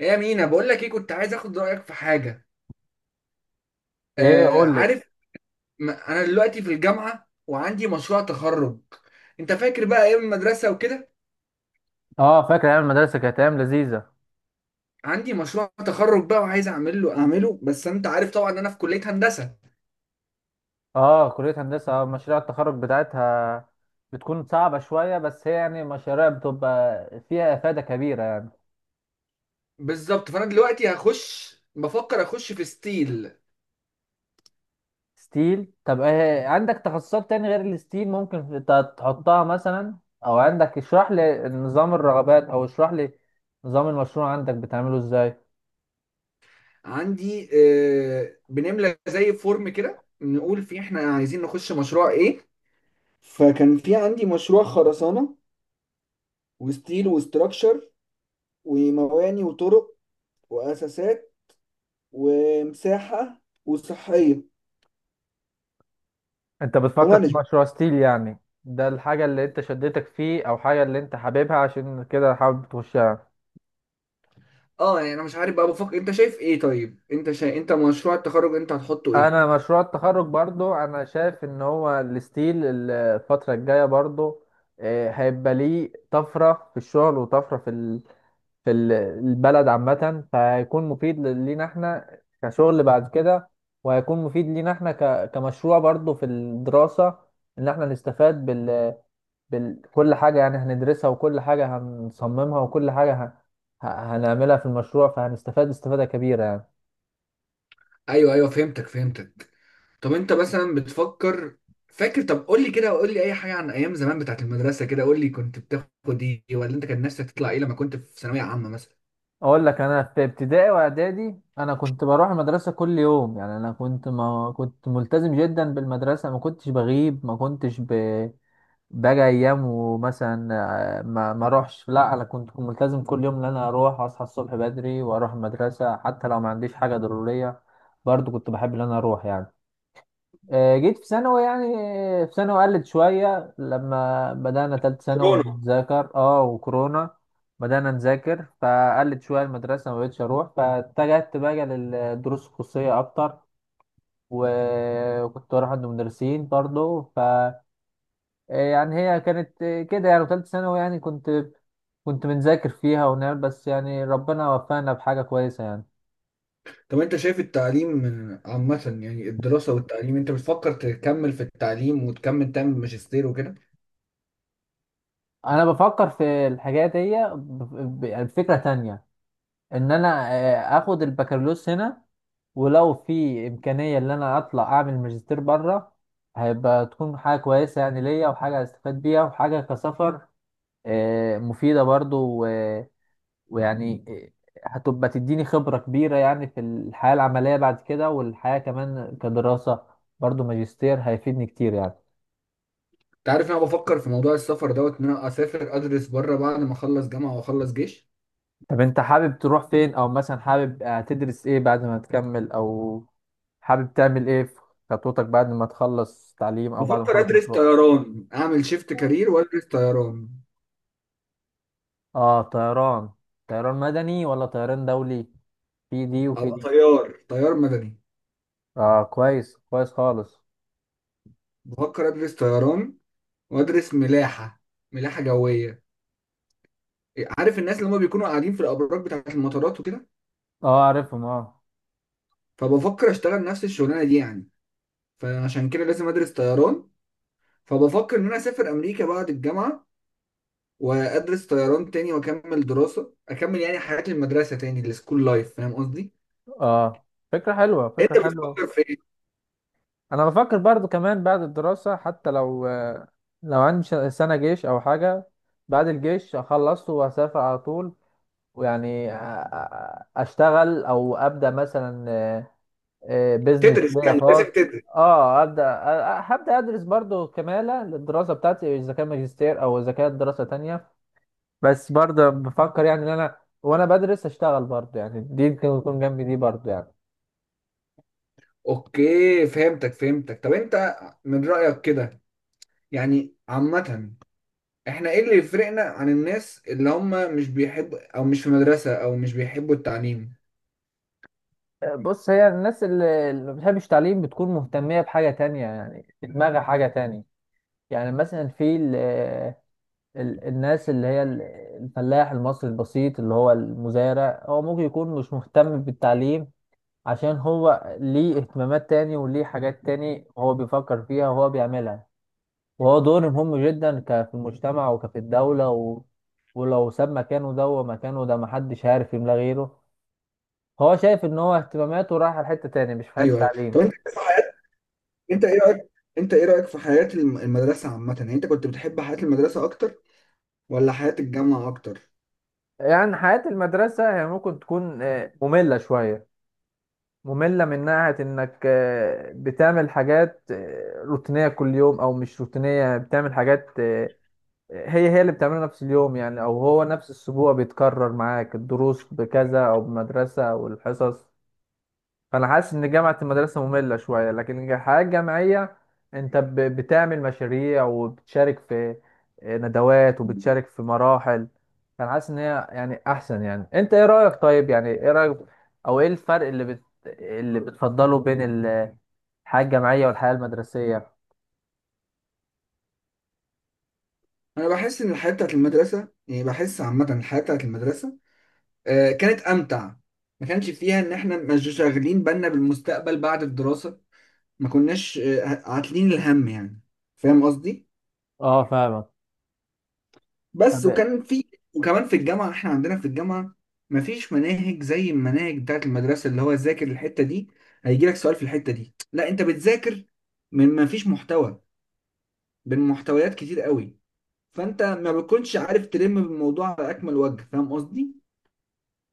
ايه يا مينا، بقول لك ايه، كنت عايز اخد رايك في حاجه. ايه، آه قول لي. عارف. انا دلوقتي في الجامعه وعندي مشروع تخرج. انت فاكر بقى ايام المدرسه وكده؟ اه، فاكر ايام المدرسه، كانت ايام لذيذه. عندي مشروع تخرج بقى وعايز اعمل له اعمله، بس انت عارف طبعا ان انا في كليه هندسه. اه، كليه هندسه. مشاريع التخرج بتاعتها بتكون صعبه شويه، بس هي يعني مشاريع بتبقى فيها افاده كبيره يعني. بالظبط، فانا دلوقتي هخش بفكر اخش في ستيل. ستيل. طب ايه عندك تخصصات تاني غير الستيل؟ ممكن تحطها مثلا، او عندك، اشرح لي نظام الرغبات، او اشرح لي نظام المشروع عندك بتعمله ازاي؟ عندي آه بنملى زي فورم كده نقول فيه احنا عايزين نخش مشروع ايه. فكان في عندي مشروع خرسانه وستيل وستراكشر ومواني وطرق واساسات ومساحة وصحية انت بتفكر في ومانجمنت. مشروع ستيل يعني؟ ده الحاجه اللي انت شدتك فيه، او حاجه اللي انت حاببها عشان كده حابب تخشها؟ اه يعني انا مش عارف بقى، بفكر انت شايف ايه. طيب انت شايف، انت مشروع التخرج انت هتحطه ايه؟ انا مشروع التخرج برضو انا شايف ان هو الستيل الفتره الجايه برضو. هيبقى ليه طفره في الشغل، وطفره في البلد عامه، فهيكون مفيد لينا احنا كشغل بعد كده، وهيكون مفيد لينا احنا كمشروع برضو في الدراسه. ان احنا نستفاد كل حاجه يعني هندرسها، وكل حاجه هنصممها، وكل حاجه ه- هنعملها في المشروع، فهنستفاد استفاده كبيره يعني. ايوه ايوه فهمتك فهمتك. طب انت مثلا بتفكر فاكر، طب قول لي كده، قول لي اي حاجه عن ايام زمان بتاعت المدرسه كده، قول لي كنت بتاخد ايه، ولا انت كان نفسك تطلع ايه لما كنت في ثانويه عامه مثلا؟ اقول لك، انا في ابتدائي واعدادي انا كنت بروح المدرسه كل يوم يعني، انا ما كنت ملتزم جدا بالمدرسه، ما كنتش بغيب، ما كنتش باجي ايام، ومثلا ما اروحش. لا انا كنت ملتزم كل يوم، ان انا اروح اصحى الصبح بدري واروح المدرسه حتى لو ما عنديش حاجه ضروريه. برضو كنت بحب ان انا اروح يعني. جيت في ثانوي يعني. في ثانوي قلت شوية، لما بدأنا تالت ثانوي كورونا. نذاكر اه وكورونا. بدأنا نذاكر، فقلت شوية المدرسة ما بقتش أروح، فاتجهت بقى للدروس الخصوصية أكتر. وكنت بروح عند مدرسين برضه ف آه، يعني هي كانت كده، يعني تالت ثانوي يعني كنت بنذاكر فيها ونعمل، بس يعني ربنا وفقنا بحاجة كويسة يعني. طب انت شايف التعليم عامه، يعني الدراسه والتعليم، انت بتفكر تكمل في التعليم وتكمل تعمل ماجستير وكده؟ أنا بفكر في الحاجات دي يعني بفكرة تانية، ان انا اخد البكالوريوس هنا، ولو في امكانيه ان انا اطلع اعمل ماجستير بره هيبقى تكون حاجه كويسه يعني ليا، وحاجه هستفاد بيها، وحاجه كسفر مفيده برضو. ويعني هتبقى تديني خبره كبيره يعني في الحياه العمليه بعد كده، والحياه كمان كدراسه برضو، ماجستير هيفيدني كتير يعني. انت عارف انا بفكر في موضوع السفر دوت ان انا اسافر ادرس بره بعد ما اخلص جامعه واخلص جيش. طب انت حابب تروح فين؟ او مثلا حابب تدرس ايه بعد ما تكمل؟ او حابب تعمل ايه في خطوتك بعد ما تخلص تعليم، او بعد ما بفكر تخلص ادرس مشروع؟ طيران، اعمل شيفت كارير وادرس طيران. اه، طيران. طيران مدني ولا طيران دولي؟ في دي وفي ابقى دي. طيار، طيار مدني. اه، كويس كويس خالص. بفكر ادرس طيران وادرس ملاحه، ملاحه جويه. عارف الناس اللي هم بيكونوا قاعدين في الابراج بتاعه المطارات وكده؟ اه، عارفهم، اه. فبفكر اشتغل نفس الشغلانه دي يعني. فعشان كده لازم ادرس طيران. فبفكر ان انا اسافر امريكا بعد الجامعه، وادرس طيران تاني واكمل دراسه، اكمل يعني حياه المدرسه تاني، السكول لايف، فاهم قصدي؟ اه، فكرة حلوة، انت فكرة حلوة. بتفكر في ايه؟ انا بفكر برضو كمان بعد الدراسة، حتى لو عندي سنة جيش او حاجة، بعد الجيش اخلصه وهسافر على طول، ويعني اشتغل او ابدا مثلا بزنس تدرس ليا يعني، خاص. لازم تدرس. اه، هبدا ادرس برضو كماله للدراسه بتاعتي، اذا كان ماجستير او اذا كانت دراسه تانية. بس برضه بفكر يعني ان انا وانا بدرس اشتغل برضه، يعني دي ممكن تكون جنبي دي برضه يعني. اوكي فهمتك فهمتك. طب انت، من رأيك كده يعني عامة، احنا ايه اللي يفرقنا عن الناس اللي هم مش بيحبوا، او مش في مدرسة، او مش بيحبوا التعليم؟ بص، هي الناس اللي ما بتحبش التعليم بتكون مهتمية بحاجة تانية، يعني في دماغها حاجة تانية. يعني مثلا في الناس اللي هي الفلاح المصري البسيط اللي هو المزارع، هو ممكن يكون مش مهتم بالتعليم، عشان هو ليه اهتمامات تاني وليه حاجات تاني هو بيفكر فيها وهو بيعملها. وهو دور مهم جدا في المجتمع وكفي الدولة. ولو ساب مكانه ده، ومكانه ده محدش عارف يملاه غيره. هو شايف ان هو اهتماماته رايحة لحتة تاني، مش في حتة ايوه ايوه. تعليم. طب انت في حياة، انت ايه رأيك، انت ايه رأيك في حياة المدرسة عامة؟ يعني انت كنت بتحب حياة المدرسة اكتر ولا حياة الجامعة اكتر؟ يعني حياة المدرسة هي ممكن تكون مملة شوية. مملة من ناحية إنك بتعمل حاجات روتينية كل يوم، أو مش روتينية، بتعمل حاجات. هي اللي بتعملها نفس اليوم يعني، أو هو نفس الأسبوع بيتكرر معاك الدروس بكذا أو بمدرسة أو الحصص. فانا حاسس ان جامعه المدرسه ممله شويه، لكن الحياه الجامعيه انت بتعمل مشاريع وبتشارك في ندوات، وبتشارك في مراحل. فانا حاسس ان هي يعني احسن. يعني انت ايه رايك؟ طيب، يعني ايه رايك، او ايه الفرق اللي بتفضله بين الحياه الجامعيه والحياه المدرسيه؟ انا بحس ان الحياة بتاعت المدرسة، يعني بحس عامة الحياة بتاعت المدرسة كانت امتع. ما كانش فيها ان احنا مش شاغلين بالنا بالمستقبل بعد الدراسه. ما كناش عاتلين الهم يعني، فاهم قصدي؟ اه، فاهمك. بس طب، وكان في، وكمان في الجامعه، احنا عندنا في الجامعه ما فيش مناهج زي المناهج بتاعت المدرسه اللي هو ذاكر الحته دي هيجي لك سؤال في الحته دي، لا انت بتذاكر من، ما فيش محتوى من محتويات كتير قوي. فانت ما بتكونش عارف تلم بالموضوع على اكمل وجه، فاهم قصدي؟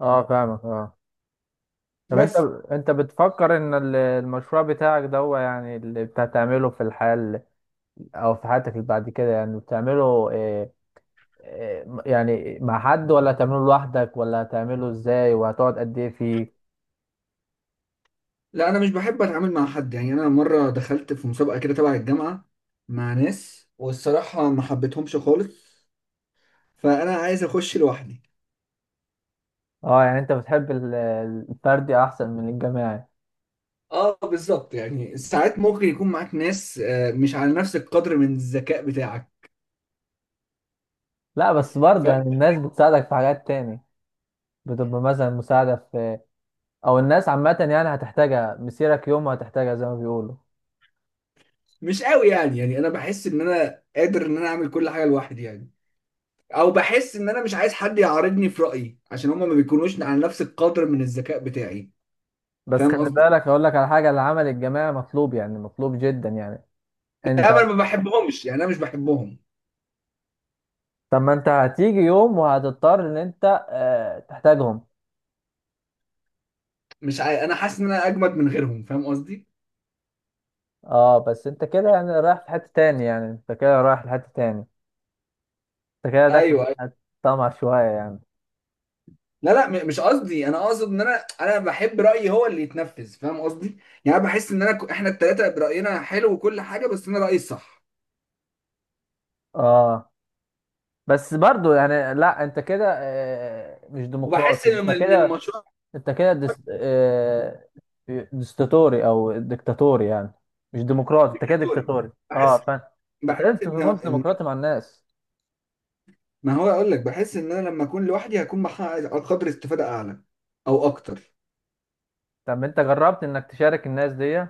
اه، فاهمك، اه. طب، انت بس. انت بتفكر ان المشروع بتاعك ده، هو يعني اللي بتعمله في الحياه او في حياتك اللي بعد كده، يعني بتعمله آه، إيه، يعني مع حد ولا هتعمله لوحدك، ولا هتعمله ازاي؟ وهتقعد قد ايه فيه؟ لا انا مش بحب اتعامل مع حد يعني، انا مره دخلت في مسابقه كده تبع الجامعه مع ناس، والصراحه ما حبيتهمش خالص. فانا عايز اخش لوحدي. اه، يعني انت بتحب الفردي احسن من الجماعي؟ اه بالظبط، يعني ساعات ممكن يكون معاك ناس مش على نفس القدر من الذكاء بتاعك. لا، بس برضه يعني الناس بتساعدك في حاجات تاني، بتبقى مثلا مساعدة في، او الناس عامة يعني هتحتاجها، مسيرك يوم هتحتاجها زي ما بيقولوا. فمش قوي يعني، يعني انا بحس ان انا قادر ان انا اعمل كل حاجه لوحدي يعني، او بحس ان انا مش عايز حد يعارضني في رايي، عشان هما ما بيكونوش على نفس القدر من الذكاء بتاعي. بس فاهم خلي قصدي؟ بالك، اقول لك على حاجة، العمل الجماعي مطلوب، يعني مطلوب جدا يعني. لا انت، انا ما بحبهمش يعني، انا مش بحبهم. طب ما انت هتيجي يوم وهتضطر ان انت تحتاجهم. مش عاي... انا حاسس ان انا اجمد من غيرهم، فاهم قصدي؟ اه، بس انت كده يعني رايح في حتة تاني، يعني انت كده رايح لحتة تاني، انت كده داخل ايوه أيوة. في طمع شوية يعني. لا لا، مش قصدي، انا اقصد ان انا بحب رايي هو اللي يتنفذ، فاهم قصدي؟ يعني أنا بحس ان انا احنا الثلاثه براينا حلو وكل حاجه، بس انا رايي الصح. اه، بس برضو يعني، لا انت كده مش وبحس ديمقراطي انت ان إن كده. المشروع انت كده دس... آه، دستاتوري او ديكتاتوري يعني، مش ديمقراطي انت كده، دوري. ديكتاتوري. بحس، اه، فاهم. انت لازم بحس ان تكون إن- ديمقراطي مع الناس. ما هو اقول لك، بحس ان انا لما اكون لوحدي هكون محقق قدر استفاده اعلى او اكتر. طب انت جربت انك تشارك الناس دي؟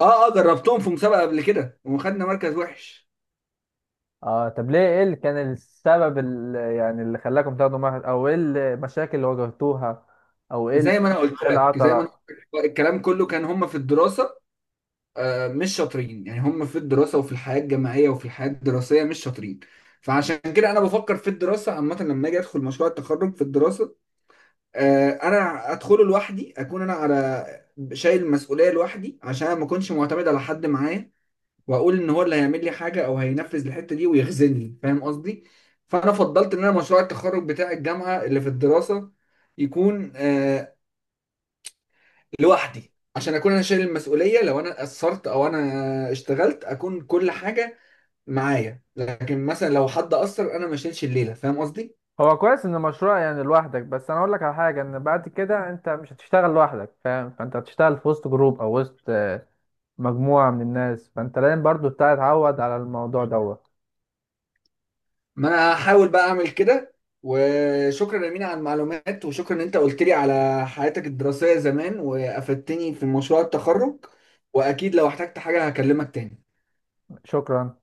اه اه جربتهم في مسابقه قبل كده وخدنا مركز وحش. اه، طب ليه؟ ايه اللي كان السبب اللي خلاكم تاخدوا معهد، او ايه المشاكل اللي واجهتوها، او ايه اللي، زي ما انا قلت إيه اللي لك، عطل؟ الكلام كله كان هم في الدراسه. مش شاطرين يعني، هم في الدراسة وفي الحياة الجامعية وفي الحياة الدراسية مش شاطرين. فعشان كده انا بفكر في الدراسة عامة لما اجي ادخل مشروع التخرج في الدراسة، انا ادخله لوحدي، اكون انا على، شايل المسؤولية لوحدي، عشان ما اكونش معتمد على حد معايا واقول ان هو اللي هيعمل لي حاجة او هينفذ الحتة دي ويخزني، فاهم قصدي؟ فانا فضلت ان انا مشروع التخرج بتاع الجامعة اللي في الدراسة يكون لوحدي، عشان اكون انا شايل المسؤوليه. لو انا قصرت او انا اشتغلت اكون كل حاجه معايا، لكن مثلا لو حد قصر انا ما اشيلش الليله، فاهم قصدي؟ هو كويس ان مشروع يعني لوحدك، بس انا اقول لك على حاجه، ان بعد كده انت مش هتشتغل لوحدك، فاهم؟ فانت هتشتغل في وسط جروب، او وسط مجموعه من الناس، فانت لازم برضو تتعود على الموضوع دوت. ما انا هحاول بقى اعمل كده. وشكرا يا مينا على المعلومات، وشكرا ان انت قلت لي على حياتك الدراسيه زمان وافدتني في مشروع التخرج. واكيد لو احتجت حاجه هكلمك تاني. شكرا.